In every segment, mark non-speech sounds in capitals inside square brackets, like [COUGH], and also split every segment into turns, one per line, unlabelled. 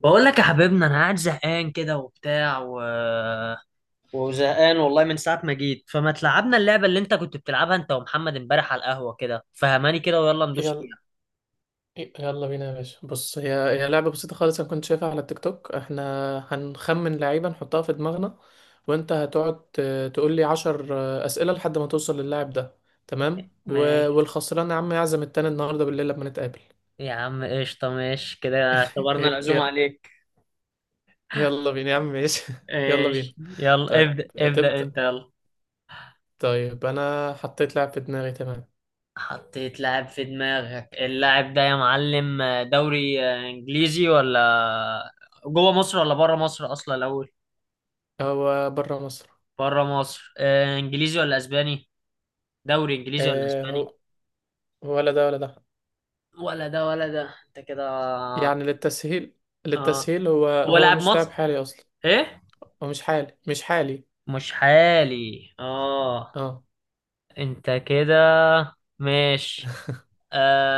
بقول لك يا حبيبنا، انا قاعد زهقان كده وبتاع وزهقان والله من ساعة ما جيت. فما تلعبنا اللعبة اللي انت كنت بتلعبها انت ومحمد امبارح على القهوة كده، فهماني كده ويلا ندوس
يلا
فيها.
يلا بينا يا باشا، بص. هي لعبة بسيطة خالص، أنا كنت شايفها على التيك توك. احنا هنخمن لعيبة نحطها في دماغنا، وانت هتقعد تقول لي 10 أسئلة لحد ما توصل للاعب ده، تمام؟
ماشي
والخسران يا عم يعزم التاني النهاردة بالليل لما نتقابل.
يا عم قشطة، ماشي كده
ي-
اعتبرنا العزومة
ي-
عليك.
يلا بينا يا عم، ماشي؟ [LAUGHS] يلا بينا.
ماشي، يلا
طيب،
ابدأ ابدأ
تبدأ.
انت يلا.
طيب، أنا حطيت لاعب في دماغي، تمام.
حطيت لاعب في دماغك؟ اللاعب ده يا معلم دوري انجليزي ولا جوه مصر ولا بره مصر اصلا الاول؟
هو برا مصر.
بره مصر. انجليزي ولا اسباني؟ دوري انجليزي ولا
اه،
اسباني؟
هو ولا ده ولا ده؟
ولا ده ولا ده، انت كده.
يعني للتسهيل،
اه،
للتسهيل. هو
هو
هو
لاعب
مش لاعب
مصر؟
حالي أصلا.
ايه.
هو مش حالي، مش حالي.
مش حالي، اه.
اه،
انت كده. ماشي.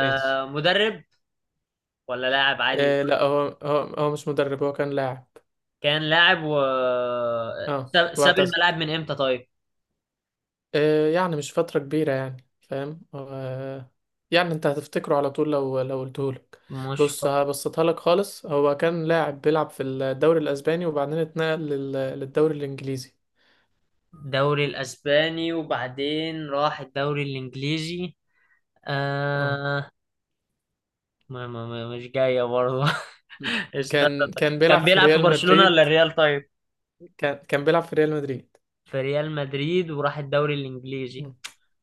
ايش؟
مدرب ولا لاعب عادي؟
آه، لا، هو مش مدرب، هو كان لاعب.
كان لاعب
اه،
ساب
واعتزل.
الملاعب من امتى طيب؟
آه، يعني مش فترة كبيرة يعني، فاهم؟ آه، يعني انت هتفتكره على طول لو قلتهولك.
مش ف-
بص، هبسطها لك خالص. هو كان لاعب بيلعب في الدوري الاسباني، وبعدين اتنقل للدوري الانجليزي.
دوري الاسباني وبعدين راح الدوري الانجليزي.
اه،
آه. ما ما ما مش جاية برضه [LAUGHS] استنى.
كان
طيب.
كان بيلعب
كان
في
بيلعب في
ريال
برشلونة ولا
مدريد.
الريال طيب؟
كان بيلعب في ريال مدريد.
في ريال مدريد وراح الدوري الانجليزي.
مم.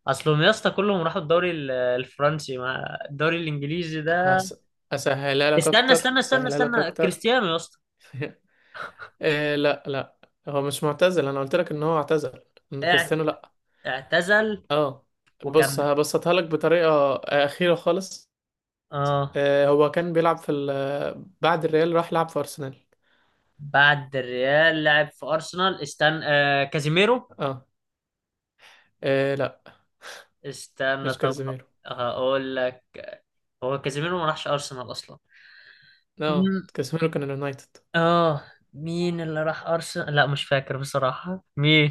اصلهم يا اسطى كلهم راحوا الدوري الفرنسي مع الدوري الانجليزي ده.
هس... اسهلها لك
استنى
اكتر،
استنى استنى
اسهلها لك
استنى،
اكتر.
كريستيانو يا اسطى.
[LAUGHS] إيه، لا لا، هو مش معتزل. انا قلت لك ان هو اعتزل ان
اع-
كريستيانو، لا.
اعتزل
اه، بص،
وكمل.
هبسطها لك بطريقه اخيره خالص.
اه،
إيه، هو كان بيلعب في بعد الريال راح لعب في ارسنال.
بعد الريال لعب في ارسنال. استنى، كازيميرو.
اه، إيه، لا،
استنى
مش
طب،
كازيميرو.
هقول لك. هو كازيميرو ما راحش ارسنال اصلا.
اه،
مم،
كازيميرو كان اليونايتد.
اه. مين اللي راح ارسنال؟ لا مش فاكر بصراحة مين.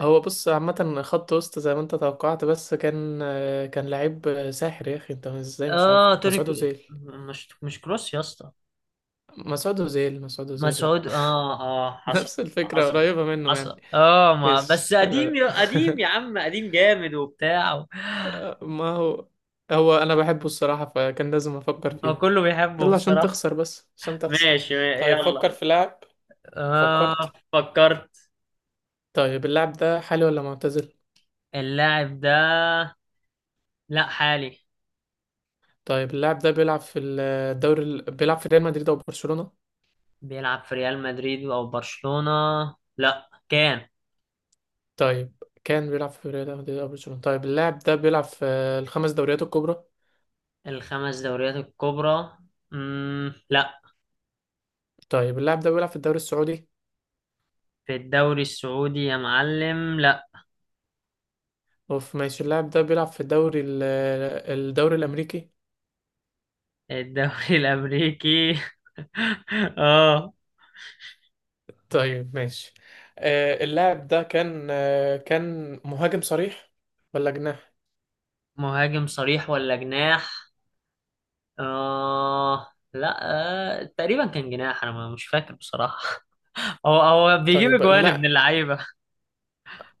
هو بص، عامه خط وسط زي ما انت توقعت، بس كان لعيب ساحر. يا اخي انت ازاي مش عارفه
اه،
مسعود اوزيل؟
مش كروس يا اسطى.
مسعود اوزيل، مسعود اوزيل. لا
مسعود، اه
[LAUGHS]
اه. حصل،
نفس الفكره
حصل،
قريبه منه يعني.
حصل. اه، ما
ايش
بس
حلو
قديم
ده!
يا قديم يا
[LAUGHS]
عم، قديم جامد وبتاع
ما هو انا بحبه الصراحة، فكان لازم افكر
هو
فيه.
كله بيحبه
يلا، عشان
بصراحة.
تخسر، بس عشان تخسر.
ماشي
طيب، فكر
يلا.
في لاعب.
اه،
فكرت؟
فكرت.
طيب، اللاعب ده حالي ولا معتزل؟
اللاعب ده، لا حالي.
طيب، اللاعب ده بيلعب في بيلعب في ريال مدريد او برشلونة؟
بيلعب في ريال مدريد او برشلونة، لا كان.
طيب، كان بيلعب في ريال مدريد او برشلونة؟ طيب، اللاعب ده بيلعب في الخمس دوريات الكبرى؟
الخمس دوريات الكبرى، مم، لا.
طيب، اللاعب ده بيلعب في الدوري السعودي؟
في الدوري السعودي يا معلم، لا.
اوف. ماشي، اللاعب ده بيلعب في الدوري الامريكي؟
الدوري الامريكي [LAUGHS] اه.
طيب، ماشي. اللاعب ده كان كان مهاجم صريح ولا جناح؟
مهاجم صريح ولا جناح؟ لا. آه، تقريبا كان جناح، انا مش فاكر بصراحة. [LAUGHS] هو بيجيب
طيب،
اجوان ابن
لا.
اللعيبة.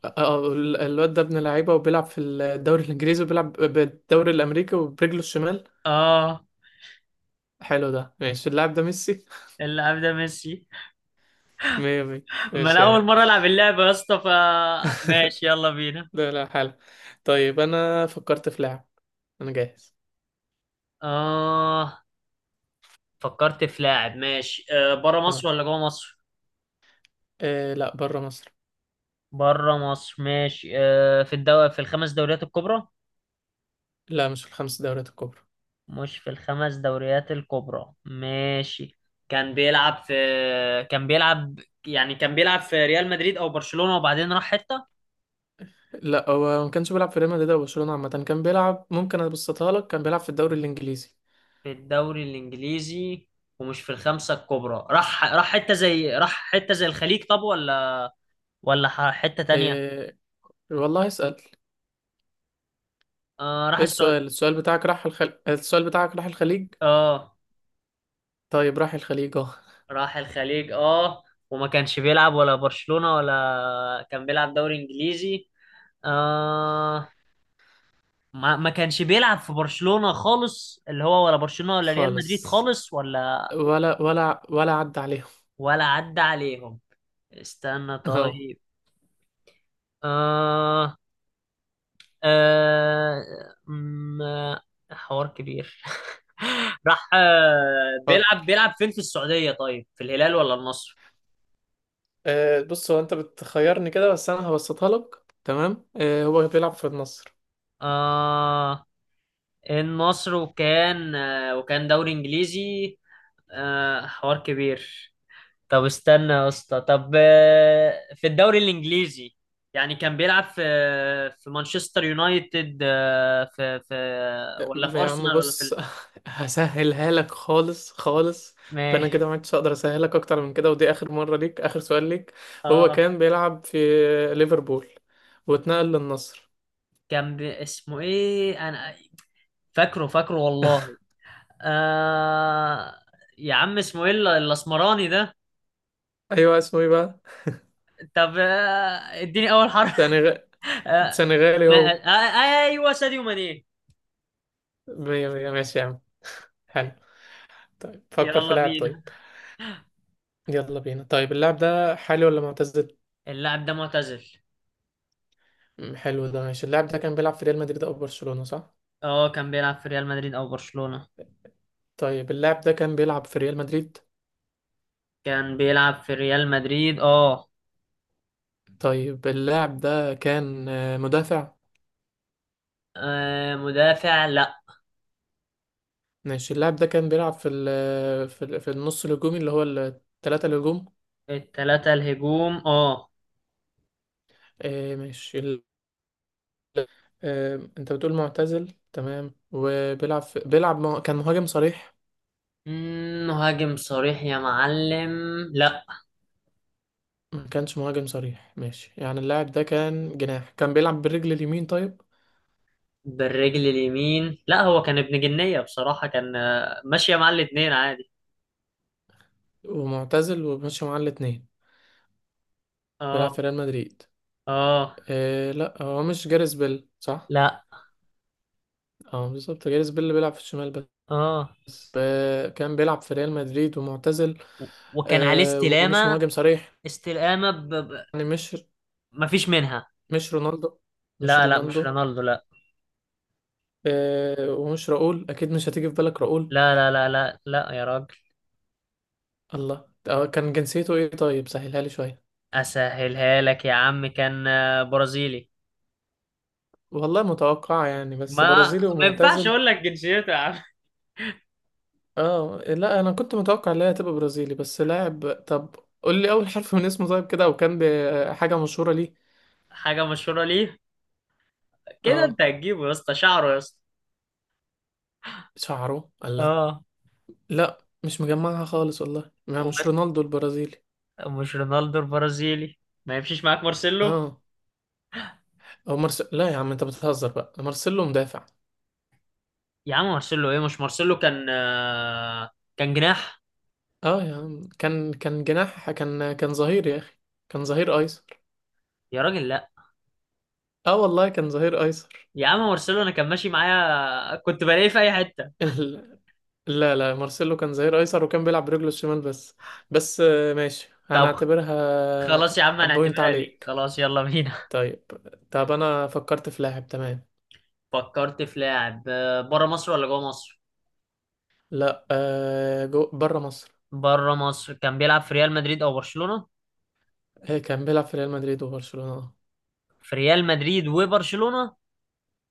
الواد ده ابن لعيبة وبيلعب في الدوري الإنجليزي وبيلعب بالدوري الأمريكي وبرجله الشمال.
اه،
حلو ده، ماشي. اللاعب ده ميسي؟
اللاعب ده ميسي.
[LAUGHS] مية مية،
ما
ماشي
انا اول
يعني.
مرة العب اللعبة يا اسطى،
[LAUGHS]
ماشي يلا بينا.
لا لا، حلو. طيب، أنا فكرت في لاعب. أنا جاهز.
اه، فكرت في لاعب ماشي. بره
اه،
مصر ولا جوه مصر؟
إيه، لا، بره مصر.
بره مصر ماشي. في الدوري، في الخمس دوريات الكبرى؟
لا، مش في الخمس دوريات الكبرى.
مش في الخمس دوريات الكبرى ماشي. كان بيلعب في كان بيلعب يعني كان بيلعب في ريال مدريد او برشلونة وبعدين راح حتة.
لا، هو ما كانش بيلعب في ريال مدريد أو برشلونة. عامة كان بيلعب، ممكن أبسطها لك، كان بيلعب في الدوري الإنجليزي.
في الدوري الانجليزي ومش في الخمسة الكبرى، راح راح حتة زي الخليج طب، ولا ولا حتة تانية؟
إيه، والله اسأل.
آه، راح
ايه،
السعودية.
السؤال بتاعك، السؤال بتاعك راح الخليج؟
اه،
طيب، راح الخليج، اه.
راح الخليج اه. وما كانش بيلعب ولا برشلونة ولا كان بيلعب دوري انجليزي. آه. ما كانش بيلعب في برشلونة خالص، اللي هو ولا برشلونة ولا ريال مدريد
خالص،
خالص، ولا
ولا عدى عليهم.
ولا عدى عليهم. استنى
[LAUGHS] اه،
طيب. آه آه م- آه، حوار كبير. [LAUGHS] راح. بيلعب
فكر.
بيلعب فين؟ في السعودية طيب، في الهلال ولا النصر؟
أه، بص، هو انت بتخيرني كده، بس انا هبسطها لك. تمام، أه، هو بيلعب في النصر.
آه، النصر. وكان دوري انجليزي. آه، حوار كبير. طب استنى يا اسطى، طب، في الدوري الانجليزي يعني كان بيلعب في مانشستر يونايتد، في
آه،
ولا في
يا عم
ارسنال ولا في
بص، [LAUGHS] هسهلها لك خالص، خالص.
ما.
انا كده ما عدتش اقدر اسهلك اكتر من كده، ودي اخر مره ليك، اخر سؤال ليك. هو
اه،
كان بيلعب في ليفربول واتنقل للنصر.
اسمه ايه، انا فاكره فاكره
[LAUGHS]
والله. آه... يا عم اسمه ايه الاسمراني ده؟
ايوه، اسمه ايه بقى؟
طب، اديني اول حرف.
سنغ...
[LAUGHS] آه...
سنغالي
ما...
هو.
آه... آه، ايوه ساديو ماني.
مية مية، ماشي يا عم، حلو. طيب، فكر في
يلا
لاعب. طيب،
بينا.
يلا بينا. طيب، اللاعب ده حالي ولا معتزل؟
اللاعب ده معتزل.
حلو ده، ماشي. اللاعب ده كان بيلعب في ريال مدريد او برشلونة، صح؟
اه، كان بيلعب في ريال مدريد او برشلونة.
طيب، اللاعب ده كان بيلعب في ريال مدريد؟
كان بيلعب في ريال مدريد اه.
طيب، اللاعب ده كان مدافع؟
مدافع؟ لا.
ماشي، اللاعب ده كان بيلعب في ال في, ال في النص الهجومي، اللي هو الثلاثة الهجوم.
التلاتة الهجوم اه.
آه، ماشي ال- انت بتقول معتزل، تمام، وبيلعب كان مهاجم صريح؟
مم، مهاجم صريح يا معلم؟ لا.
ما كانش مهاجم صريح، ماشي. يعني اللاعب ده كان جناح، كان بيلعب بالرجل اليمين، طيب.
بالرجل اليمين؟ لا، هو كان ابن جنية بصراحة، كان ماشية مع الاتنين عادي.
ومعتزل وماشي معاه الاتنين.
اه.
بيلعب في ريال مدريد.
اه.
إيه، لا، هو مش جاريث بيل، صح؟
لا.
اه، بالظبط جاريث بيل اللي بيلعب في الشمال.
اه.
بس كان بيلعب في ريال مدريد ومعتزل.
و- وكان عليه
ومش
استلامة.
مهاجم صريح،
استلامة
يعني مش
مفيش منها.
مش رونالدو، مش
لا لا مش
رونالدو.
رونالدو، لا.
ومش راؤول، اكيد مش هتيجي في بالك راؤول.
لا لا لا لا لا يا راجل.
الله، كان جنسيته ايه؟ طيب سهلها لي شويه.
اسهلها لك يا عم، كان برازيلي.
والله متوقع يعني، بس
ما
برازيلي
ينفعش
ومعتزل.
اقول لك جنسيته يا عم.
اه، لا، انا كنت متوقع ان هي هتبقى برازيلي، بس لاعب. طب قول لي اول حرف من اسمه طيب، كده، وكان بحاجه مشهوره ليه.
حاجه مشهوره ليه. كده
اه،
انت هتجيبه يا اسطى، شعره يا اسطى.
شعره. الله، لا
اه.
لا، مش مجمعها خالص والله، ما مش
وب-
رونالدو البرازيلي.
مش رونالدو البرازيلي. ما يمشيش معاك مارسيلو؟
اه، لا يا عم، انت بتهزر بقى؟ مارسيلو مدافع.
يا عم مارسيلو ايه، مش مارسيلو كان كان جناح.
اه يا عم، كان جناح؟ كان ظهير يا اخي، كان ظهير ايسر.
يا راجل لا.
اه، والله كان ظهير ايسر.
يا عم مارسيلو انا كان ماشي معايا، كنت بلاقيه في اي حته.
[LAUGHS] ال... لا لا، مارسيلو كان ظهير ايسر وكان بيلعب برجله الشمال بس. بس ماشي،
طب
هنعتبرها
خلاص يا عم،
بوينت
هنعتبرها ليه؟
عليك.
خلاص يلا بينا.
طيب. طب، انا فكرت في لاعب، تمام.
[LAUGHS] فكرت في لاعب. بره مصر ولا جوه مصر؟
لا، بره مصر.
بره مصر. كان بيلعب في ريال مدريد او برشلونه؟
كان بيلعب في ريال مدريد وبرشلونة.
في ريال مدريد وبرشلونه.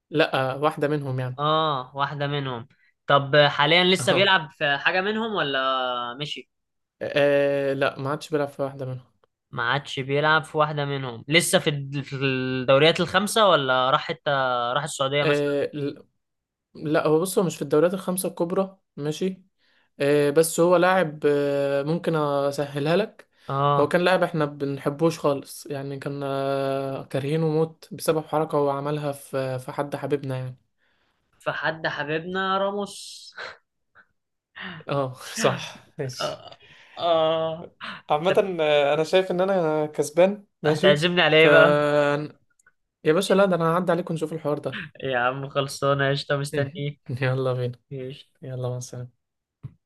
لا، واحدة منهم يعني.
اه، واحدة منهم. طب حاليا لسه
[LAUGHS] اه،
بيلعب في حاجة منهم ولا مشي؟
لا، ما عادش بيلعب في واحدة منهم.
ما عادش بيلعب في واحدة منهم، لسه في في الدوريات الخمسة، ولا راح حتى؟ راح السعودية مثلا.
آه، ل- لا، هو بص، هو مش في الدوريات الخمسة الكبرى، ماشي. بس هو لاعب، ممكن اسهلها لك. هو
اه،
كان لاعب احنا بنحبوش خالص، يعني كنا كارهينه موت بسبب حركة هو عملها في حد حبيبنا يعني.
فحد حبيبنا راموس.
اه [LAUGHS] صح، ماشي.
اه. آه. هت-
عامة، انا شايف ان انا كسبان، ماشي.
هتعزمني على
ف
ايه بقى؟
يا باشا، لا، ده انا هعدي عليكم نشوف الحوار ده.
يا عم خلصانة قشطة، مستنيك.
[LAUGHS] يلا بينا.
قشطة.
يلا، مع السلامة.